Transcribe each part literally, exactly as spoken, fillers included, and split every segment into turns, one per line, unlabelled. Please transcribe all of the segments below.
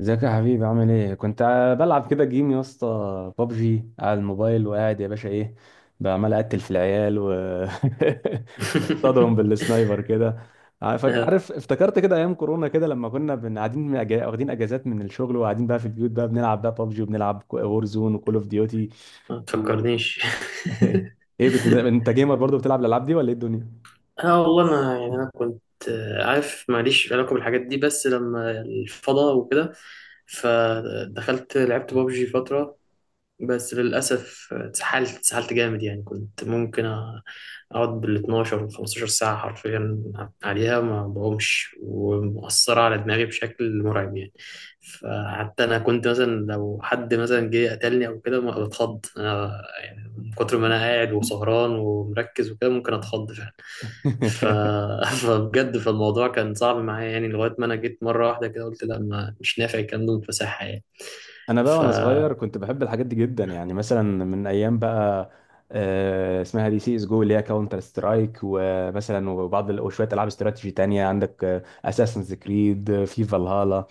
ازيك يا حبيبي، عامل ايه؟ كنت ع- بلعب كده جيم يا اسطى. بابجي على الموبايل وقاعد يا باشا. ايه بعمل؟ اقتل في العيال و اصطادهم بالسنايبر كده. عارف
آه،
عارف افتكرت كده ايام كورونا كده لما كنا بن- قاعدين، من أجا- واخدين اجازات من الشغل وقاعدين بقى في البيوت بقى بنلعب بقى بابجي وبنلعب وور زون وكول اوف ديوتي.
ما تفكرنيش.
ايه بت... انت جيمر برضه، بتلعب الالعاب دي ولا ايه الدنيا؟
اه، والله انا يعني انا كنت... آه، عارف ماليش علاقه بالحاجات دي، بس لما الفضاء وكده، فدخلت لعبت بابجي فتره. بس للأسف اتسحلت اتسحلت جامد، يعني كنت ممكن أ- أقعد بال اتناشر و خمس عشرة ساعة حرفيا عليها، ما بقومش، ومؤثرة على دماغي بشكل مرعب يعني. فحتى أنا كنت مثلا لو حد مثلا جه قتلني أو كده ما بتخض أنا، يعني من كتر ما أنا قاعد وسهران ومركز وكده، ممكن أتخض فعلا. ف... فبجد فالموضوع كان صعب معايا، يعني لغاية ما أنا جيت مرة واحدة كده قلت لا، ما مش نافع الكلام ده، متفسحة يعني.
انا بقى
ف...
وانا صغير كنت بحب الحاجات دي جدا يعني، مثلا من ايام بقى، آه، اسمها دي سي اس جو، اللي هي كاونتر سترايك، ومثلا وبعض ال- وشويه العاب استراتيجي تانية، عندك اساسنز كريد في فالهالا.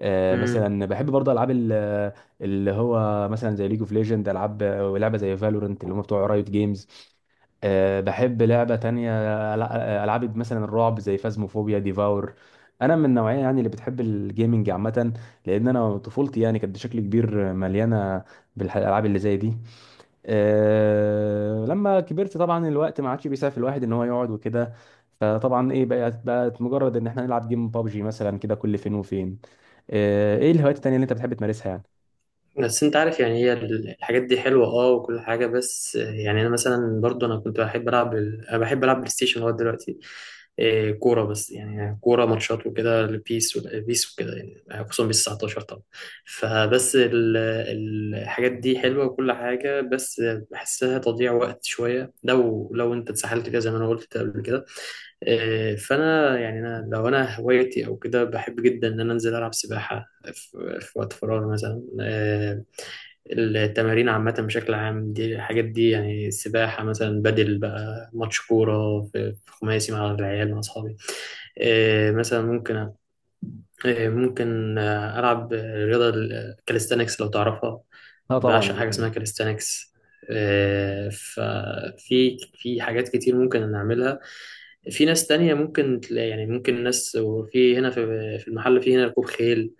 آه، مثلا بحب برضه العاب ال- اللي هو مثلا زي ليج اوف ليجند، العاب ولعبه زي فالورنت اللي هم بتوع رايوت جيمز. آه، بحب لعبة تانية، ألع- ألعاب مثلا الرعب زي فازموفوبيا ديفاور. أنا من النوعية يعني اللي بتحب الجيمنج عامة، لأن أنا طفولتي يعني كانت بشكل كبير مليانة بالألعاب اللي زي دي. أه لما كبرت طبعا الوقت ما عادش بيسعف الواحد ان هو يقعد وكده، فطبعا ايه بقت بقت مجرد ان احنا نلعب جيم بابجي مثلا كده كل فين وفين. أه، ايه الهوايات التانية اللي انت بتحب تمارسها يعني؟
بس انت عارف، يعني هي ال- الحاجات دي حلوه اه، وكل حاجه، بس يعني انا مثلا برضو انا كنت بحب العب ال- انا بحب العب بلاي ستيشن لغايه دلوقتي. إيه، كوره، بس يعني كوره ماتشات وكده، البيس والبيس وكده يعني، خصوصا بيس تسعتاشر طبعا. فبس ال- ال- الحاجات دي حلوه وكل حاجه، بس بحسها تضييع وقت شويه لو لو انت اتسحلت فيها زي ما انا قلت قبل كده. إيه، فانا يعني انا لو انا هوايتي او كده، بحب جدا ان انا انزل العب سباحه في وقت فراغ مثلا. آه، التمارين عامة بشكل عام دي، الحاجات دي يعني، السباحة مثلا، بدل بقى ماتش كورة في في خماسي مع العيال مع أصحابي. آه، مثلا ممكن، آه، ممكن آه، ألعب رياضة الكاليستانكس لو تعرفها.
اه طبعا.
بعشق حاجة اسمها كاليستانكس. ففي في حاجات كتير ممكن نعملها. في ناس تانية ممكن تلاقي، يعني ممكن ناس، وفي هنا في في المحل، في هنا ركوب خيل.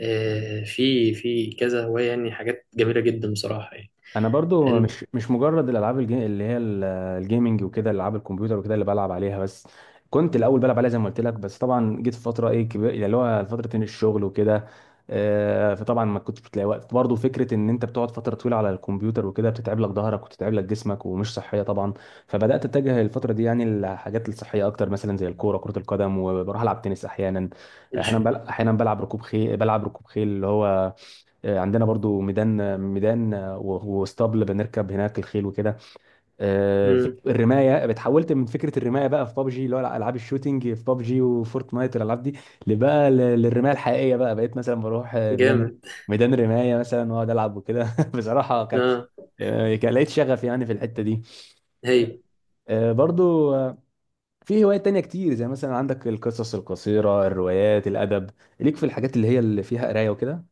آه، في في كذا هواية، يعني حاجات جميلة جدا بصراحة يعني.
انا برضو
إن-
مش مش مجرد الالعاب الجي... اللي هي ال- الجيمنج وكده، العاب الكمبيوتر وكده اللي بلعب عليها بس. كنت الاول بلعب عليها زي ما قلت لك، بس طبعا جيت في فتره ايه كبير اللي هو فتره إن الشغل وكده. آه، فطبعا ما كنتش بتلاقي وقت، برضو فكره ان انت بتقعد فتره طويله على الكمبيوتر وكده بتتعب لك ظهرك وتتعب لك جسمك ومش صحيه طبعا. فبدات اتجه الفتره دي يعني الحاجات الصحيه اكتر، مثلا زي الكوره، كره القدم، وبروح العب تنس احيانا. احيانا
الش-
بل... احيانا بلعب ركوب خيل بلعب ركوب خيل اللي هو، آه، عندنا برضو ميدان ميدان، آه، و- واسطبل، بنركب هناك الخيل وكده. آه، فك-
مم.
الرمايه بتحولت من فكره الرمايه بقى في بابجي، اللي هو العاب الشوتينج في بابجي وفورتنايت والالعاب دي، لبقى ل- للرمايه الحقيقيه بقى، بقيت مثلا بروح آه، ميدان
جامد.
ميدان رمايه مثلا، واقعد العب وكده بصراحه كانت،
اه.
آه، كان لقيت شغف يعني في الحته دي.
هي...
آه، برضو، آه، في هوايات تانية كتير، زي مثلا عندك القصص القصيره، الروايات، الادب، ليك في الحاجات اللي هي اللي فيها قرايه وكده.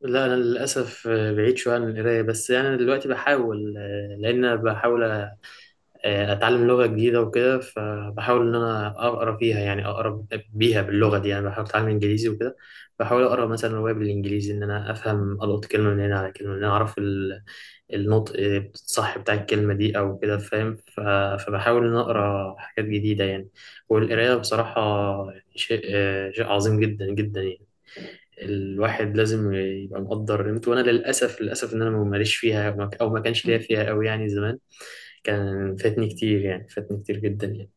لا أنا للأسف آه، بعيد شوية عن القراية، بس أنا يعني دلوقتي بحاول، آه، لأن أنا بحاول آه، اتعلم لغة جديدة وكده، فبحاول ان انا اقرا فيها، يعني اقرا بيها باللغة دي يعني، بحاول اتعلم انجليزي وكده. بحاول اقرا مثلا رواية بالانجليزي، ان انا افهم، القط كلمة من هنا على كلمة من هنا، اعرف ال- النطق الصح بتاع الكلمة دي او كده، فاهم؟ ف- فبحاول ان أنا اقرا حاجات جديدة يعني. والقراية بصراحة يعني شيء، آه، شيء عظيم جدا جدا يعني، الواحد لازم يبقى مقدر قيمته. وانا للاسف، للاسف، ان انا ما ماليش فيها، او ما، أو ما كانش ليا فيها قوي يعني زمان. كان فاتني كتير، يعني فاتني كتير جدا يعني.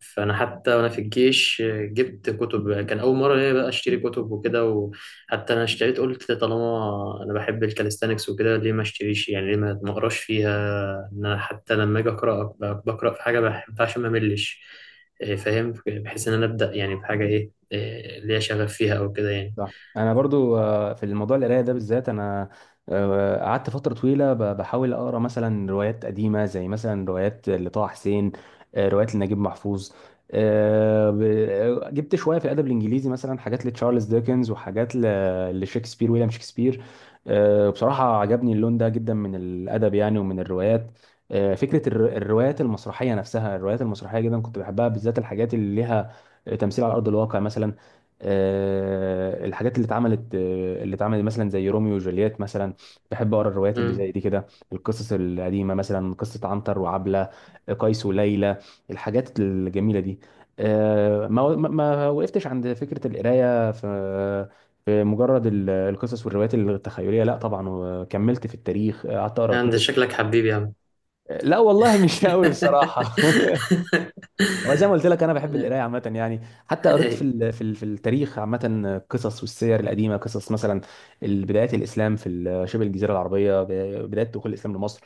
فانا حتى وانا في الجيش جبت كتب، كان اول مره ليا بقى اشتري كتب وكده. وحتى انا اشتريت قلت طالما انا بحب الكاليستانكس وكده، ليه ما اشتريش يعني، ليه ما ما اقراش فيها. ان انا حتى لما اجي اقرا ب- بقرا في حاجه بحبها، عشان ما ملش، آه، فاهم، بحيث ان انا ابدا يعني بحاجه ايه، إيه، آه، ليا شغف فيها او كده يعني.
صح. انا برضو، آه، في الموضوع القرايه ده بالذات انا، آه، قعدت فتره طويله ب- بحاول اقرا مثلا روايات قديمه زي مثلا روايات لطه حسين، آه، روايات لنجيب محفوظ. آه، ب- آه، جبت شويه في الادب الانجليزي مثلا، حاجات لتشارلز ديكنز وحاجات ل- لشكسبير، ويليام شكسبير. آه، بصراحه عجبني اللون ده جدا من الادب يعني ومن الروايات. آه، فكره الر- الروايات المسرحيه نفسها، الروايات المسرحيه جدا كنت بحبها، بالذات الحاجات اللي ليها تمثيل على ارض الواقع مثلا. آه، الحاجات اللي اتعملت آه، اللي اتعملت مثلا زي روميو وجولييت مثلا. بحب اقرا الروايات اللي
امم.
زي دي كده، القصص القديمه، مثلا قصه عنتر وعبله، قيس وليلى، الحاجات الجميله دي. آه، ما ما ما وقفتش عند فكره القرايه في، في مجرد ال- القصص والروايات التخيليه، لا طبعا، وكملت في التاريخ. آه، قعدت اقرا
انت
كتب.
شكلك حبيبي يا عم.
لا والله مش قوي بصراحه هو زي ما قلت لك انا بحب القرايه عامه يعني، حتى قريت في
أيوة.
ال في ال في التاريخ عامه، قصص والسير القديمه، قصص مثلا بدايات الاسلام في ال- شبه الجزيره العربيه، ب- بدايه دخول الاسلام لمصر.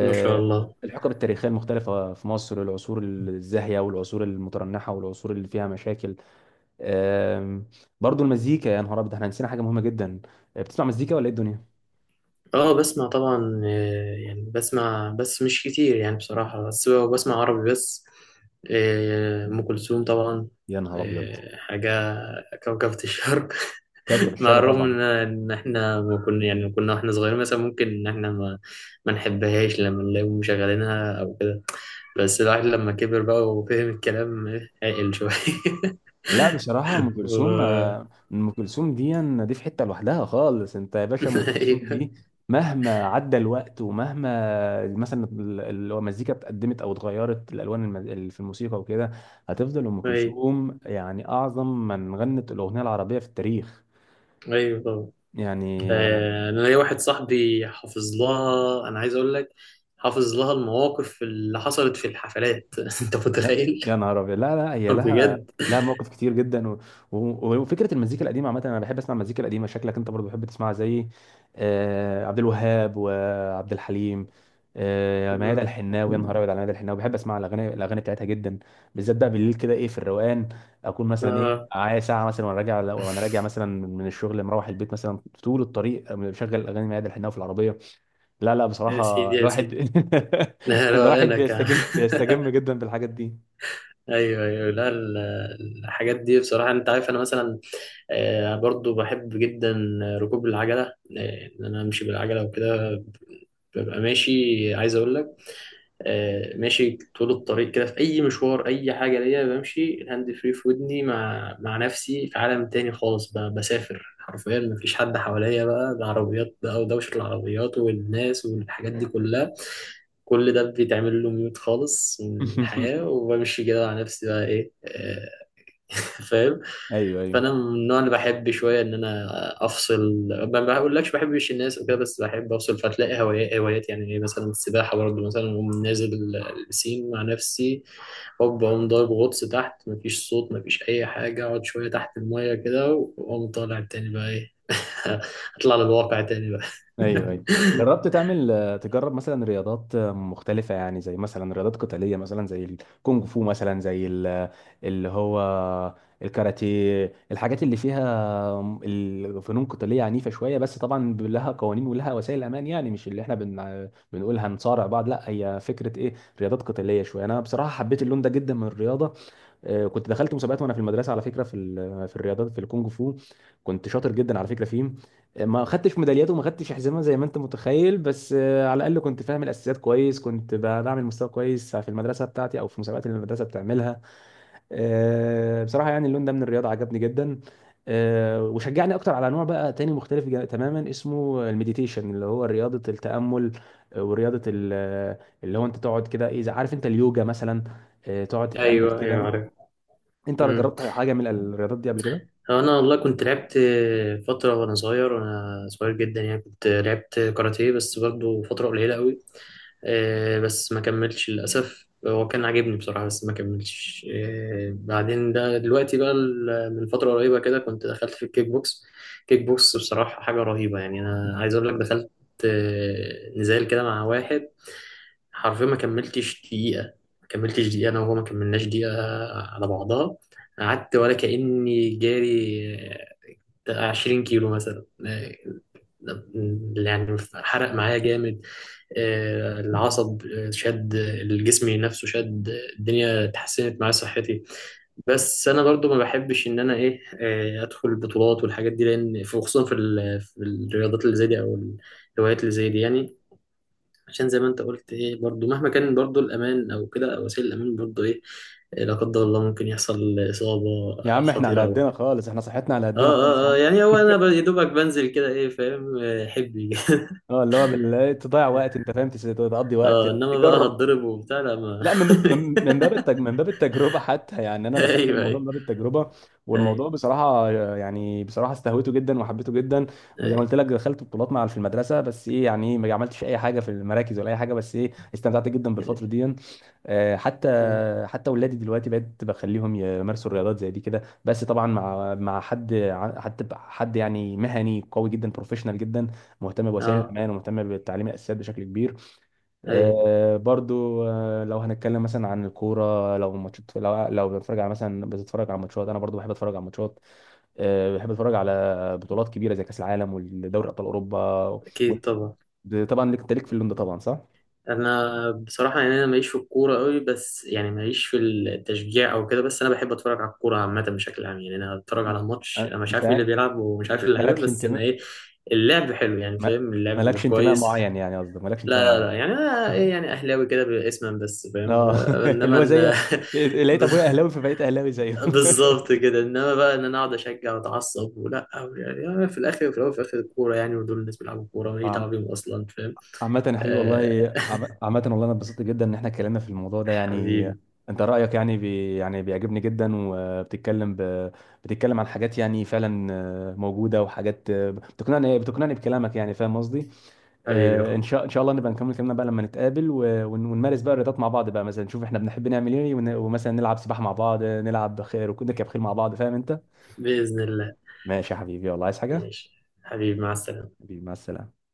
ما شاء الله.
الحقب التاريخيه المختلفه في مصر، العصور الزاهيه والعصور المترنحه والعصور اللي فيها مشاكل. آم، برضو المزيكا، يا نهار ابيض! احنا نسينا حاجه مهمه جدا. آه، بتسمع مزيكا ولا ايه الدنيا؟
اه، بسمع طبعا، آه، يعني بسمع بس مش كتير يعني بصراحة، بس هو بسمع عربي بس. آه، أم كلثوم طبعا.
يا نهار ابيض،
آه، حاجة، كوكبة الشرق.
كوكب
مع
الشرق
الرغم
طبعا.
إن إن إحنا ما كنا، يعني كنا وإحنا صغيرين مثلا ممكن إن إحنا ما، ما نحبهاش لما نلاقيهم مشغلينها أو كده. بس الواحد لما كبر بقى وفهم الكلام آه، عقل شوية.
لا بصراحة أم كلثوم،
و...
آه، أم كلثوم دي، دي في حتة لوحدها خالص. أنت يا باشا، أم كلثوم
أيوه،
دي مهما عدى الوقت، ومهما مثلا ال- ال- المزيكا اتقدمت أو اتغيرت الألوان، الم- ال- في الموسيقى وكده، هتفضل أم
أيوه.
كلثوم يعني أعظم من غنت الأغنية العربية في التاريخ
أيوه طبعا.
يعني.
آه، انا ليا واحد صاحبي حافظ لها، انا عايز اقول لك حافظ لها المواقف اللي حصلت في الحفلات. انت
يا
متخيل؟
يا نهار ابيض! لا لا، هي لها
بجد.
لها مواقف كتير جدا، و... و... وفكره المزيكا القديمه عامه، انا بحب اسمع المزيكا القديمه. شكلك انت برضو بتحب تسمعها زي آه عبد الوهاب وعبد الحليم. آه ميادة
مم.
الحناوي، يا نهار ابيض على ميادة الحناوي، بحب اسمع الاغاني الاغاني بتاعتها جدا، بالذات بقى بالليل كده ايه في الروقان. اكون مثلا ايه
آه.
معايا ساعه مثلا، وانا راجع وانا راجع مثلا من الشغل، مروح البيت، مثلا طول الطريق بشغل اغاني ميادة الحناوي في العربيه. لا لا
يا سيدي
بصراحه
يا
الواحد
سيدي. لا لا
الواحد
انا ك...
بيستجم بيستجم جدا بالحاجات دي.
ايوه ايوه، لا ال- الحاجات دي بصراحه، انت عارف انا مثلا آه، برضو بحب جدا ركوب العجله، آه، ان انا امشي بالعجله وكده. ببقى ماشي، عايز اقول لك، آه، ماشي طول الطريق كده في اي مشوار، اي حاجه ليا بمشي، الهاند فري في ودني، مع مع نفسي في عالم تاني خالص بقى، بسافر حرفيا، مفيش حد حواليا بقى، ده عربيات بقى ودوشه العربيات والناس والحاجات دي كلها، كل ده بيتعمل له ميوت خالص من الحياه، وبمشي كده مع نفسي بقى، ايه آه، فاهم؟
ايوه، ايوه،
فانا من النوع اللي بحب شويه ان انا افصل. ما بقولكش بحبش الناس وكده، بس بحب افصل. فتلاقي هوايات، هوايات يعني إيه، مثلا السباحه برضه مثلا، اقوم نازل البسين مع نفسي، هوب اقوم ضارب غطس تحت، مفيش صوت، مفيش اي حاجه، اقعد شويه تحت الميه كده، واقوم طالع تاني بقى ايه. اطلع للواقع تاني بقى.
ايوه، ايوه. جربت تعمل، آه، تجرب مثلا رياضات، آه، مختلفة يعني، زي مثلا رياضات قتالية مثلا زي الكونغ فو، مثلا زي ال- آه، اللي هو الكاراتيه، الحاجات اللي فيها، آه، الفنون قتالية عنيفة شوية؟ بس طبعا لها قوانين ولها وسائل أمان يعني، مش اللي احنا بن... بنقول هنصارع بعض، لا، هي فكرة ايه، رياضات قتالية شوية. أنا بصراحة حبيت اللون ده جدا من الرياضة. آه، كنت دخلت مسابقات وانا في المدرسه، على فكره، في ال- في الرياضات، في الكونغ فو. كنت شاطر جدا على فكره فيه. آه، ما خدتش ميداليات وما خدتش حزامه زي ما انت متخيل، بس آه، على الاقل كنت فاهم الاساسيات كويس، كنت ب- بعمل مستوى كويس في المدرسه بتاعتي او في مسابقات اللي المدرسه بتعملها. آه، بصراحه يعني اللون ده من الرياضه عجبني جدا. آه، وشجعني اكتر على نوع بقى تاني مختلف جا- تماما، اسمه المديتيشن اللي هو رياضه التامل. آه، ورياضه ال- اللي هو انت تقعد كده، ايه عارف، انت اليوجا مثلا. آه، تقعد تتامل
ايوه
كده.
ايوه،
انت ولا جربت
عارف.
حاجه من الرياضات دي قبل كده؟
انا والله كنت لعبت فتره وانا صغير، وانا صغير جدا يعني، كنت لعبت كاراتيه بس برضو فتره قليله قوي، آه، بس ما كملتش للاسف، هو كان عاجبني بصراحه بس ما كملتش. آه، بعدين ده دلوقتي بقى ال- من فتره قريبه كده كنت دخلت في الكيك بوكس. كيك بوكس بصراحه حاجه رهيبه، يعني انا عايز اقول لك دخلت آه، نزال كده مع واحد، حرفيا ما كملتش دقيقه، ما كملتش دقيقه انا وهو، ما كملناش دقيقه على بعضها. قعدت ولا كأني جاري عشرين كيلو مثلا، آه، يعني حرق معايا جامد، آه، العصب، آه، شد الجسم نفسه شد، الدنيا اتحسنت معايا صحتي. بس انا برضو ما بحبش ان انا ايه، آه، ادخل البطولات والحاجات دي، لان في، خصوصا في ال- في الرياضات اللي زي دي، او الهوايات اللي زي دي يعني، عشان زي ما انت قلت ايه، برضو مهما كان برضو الامان او كده او وسائل الامان، برضو ايه، آه، لا قدر الله ممكن يحصل اصابة
يا عم احنا على
خطيرة او
قدنا
كده.
خالص، احنا صحتنا على
اه
قدنا خالص يا
اه، آه،
عم.
يعني هو انا ب- يا دوبك بنزل كده، ايه فاهم، آه، حبي.
اه، اللي هو بال... إيه، تضيع وقت، انت فاهم، تس- تقضي وقت،
اه، انما بقى
تجرب.
هتضرب وبتاع لا ما...
لا، من باب، من من باب التج... من باب التجربه حتى يعني، انا دخلت
ايوه
الموضوع من
ايوه،
باب التجربه، والموضوع
ايوه
بصراحه يعني، بصراحه استهويته جدا وحبيته جدا. وزي ما
ايوه.
قلت لك دخلت بطولات مع في المدرسه، بس ايه يعني، ايه، ما عملتش اي حاجه في المراكز ولا اي حاجه، بس ايه استمتعت جدا بالفتره دي. آه، حتى،
أيوة.
حتى ولادي دلوقتي بقيت بخليهم يمارسوا الرياضات زي دي كده، بس طبعا مع، مع حد، ع- حتى ب- حد يعني مهني قوي جدا، بروفيشنال جدا، مهتم بوسائل
اه.
الامان ومهتم بتعليم الاساسيات بشكل كبير.
ايوه.
آه، برضو آه، لو هنتكلم مثلا عن الكوره، لو ماتشات، لو لو بتتفرج على مثلا بتتفرج على ماتشات، انا برضو بحب اتفرج على ماتشات. آه، بحب اتفرج على بطولات كبيره زي كاس العالم والدوري ابطال اوروبا و-
اكيد طبعا.
طبعا. ليك انت ليك في اللون ده طبعا، صح؟
انا بصراحه يعني، انا ماليش في الكوره قوي، بس يعني ماليش في التشجيع او كده، بس انا بحب اتفرج على الكوره عامه بشكل عام يعني. انا اتفرج
مم.
على ماتش
أه،
انا مش عارف مين
انت
اللي بيلعب، ومش عارف
مش
اللعيبه،
مالكش
بس انا
انتماء،
ايه، اللعب حلو يعني،
ما-
فاهم، اللعب
مالكش انتماء
كويس.
معين يعني، قصدك مالكش انتماء
لا لا
معين؟
لا، يعني انا ايه، يعني اهلاوي كده اسما بس فاهم،
اه. اللي
انما
هو زي
ان...
لقيت
ب-
ابويا اهلاوي فبقيت اهلاوي زيه.
بالظبط كده، انما بقى ان انا اقعد اشجع واتعصب، ولا، أو يعني، أنا في الاخر وفي الاول وفي الاخر الكوره يعني، ودول الناس بيلعبوا كوره، ماليش
عم-
دعوه بيهم اصلا فاهم.
عامة يا حبيبي والله،
آه،
عم- عامة والله انا اتبسطت جدا ان احنا اتكلمنا في الموضوع ده يعني.
حبيبي.
انت رأيك يعني، بي يعني بيعجبني جدا، وبتتكلم ب... بتتكلم عن حاجات يعني فعلا، آه، موجودة، وحاجات آه، بتقنعني بتقنعني بكلامك، يعني فاهم قصدي؟
حبيبي يا
آه، ان
اخويا.
شاء ان شاء الله نبقى نكمل كلامنا بقى لما نتقابل و- ون- ونمارس بقى الرياضات مع بعض، بقى مثلا نشوف احنا بنحب نعمل ايه، ون- ومثلا نلعب سباحة مع بعض، نلعب خيل ونركب خيل مع بعض، فاهم انت؟
باذن الله.
ماشي يا حبيبي والله، عايز حاجة؟
ماشي حبيبي، مع السلامه.
حبيبي مع السلامة.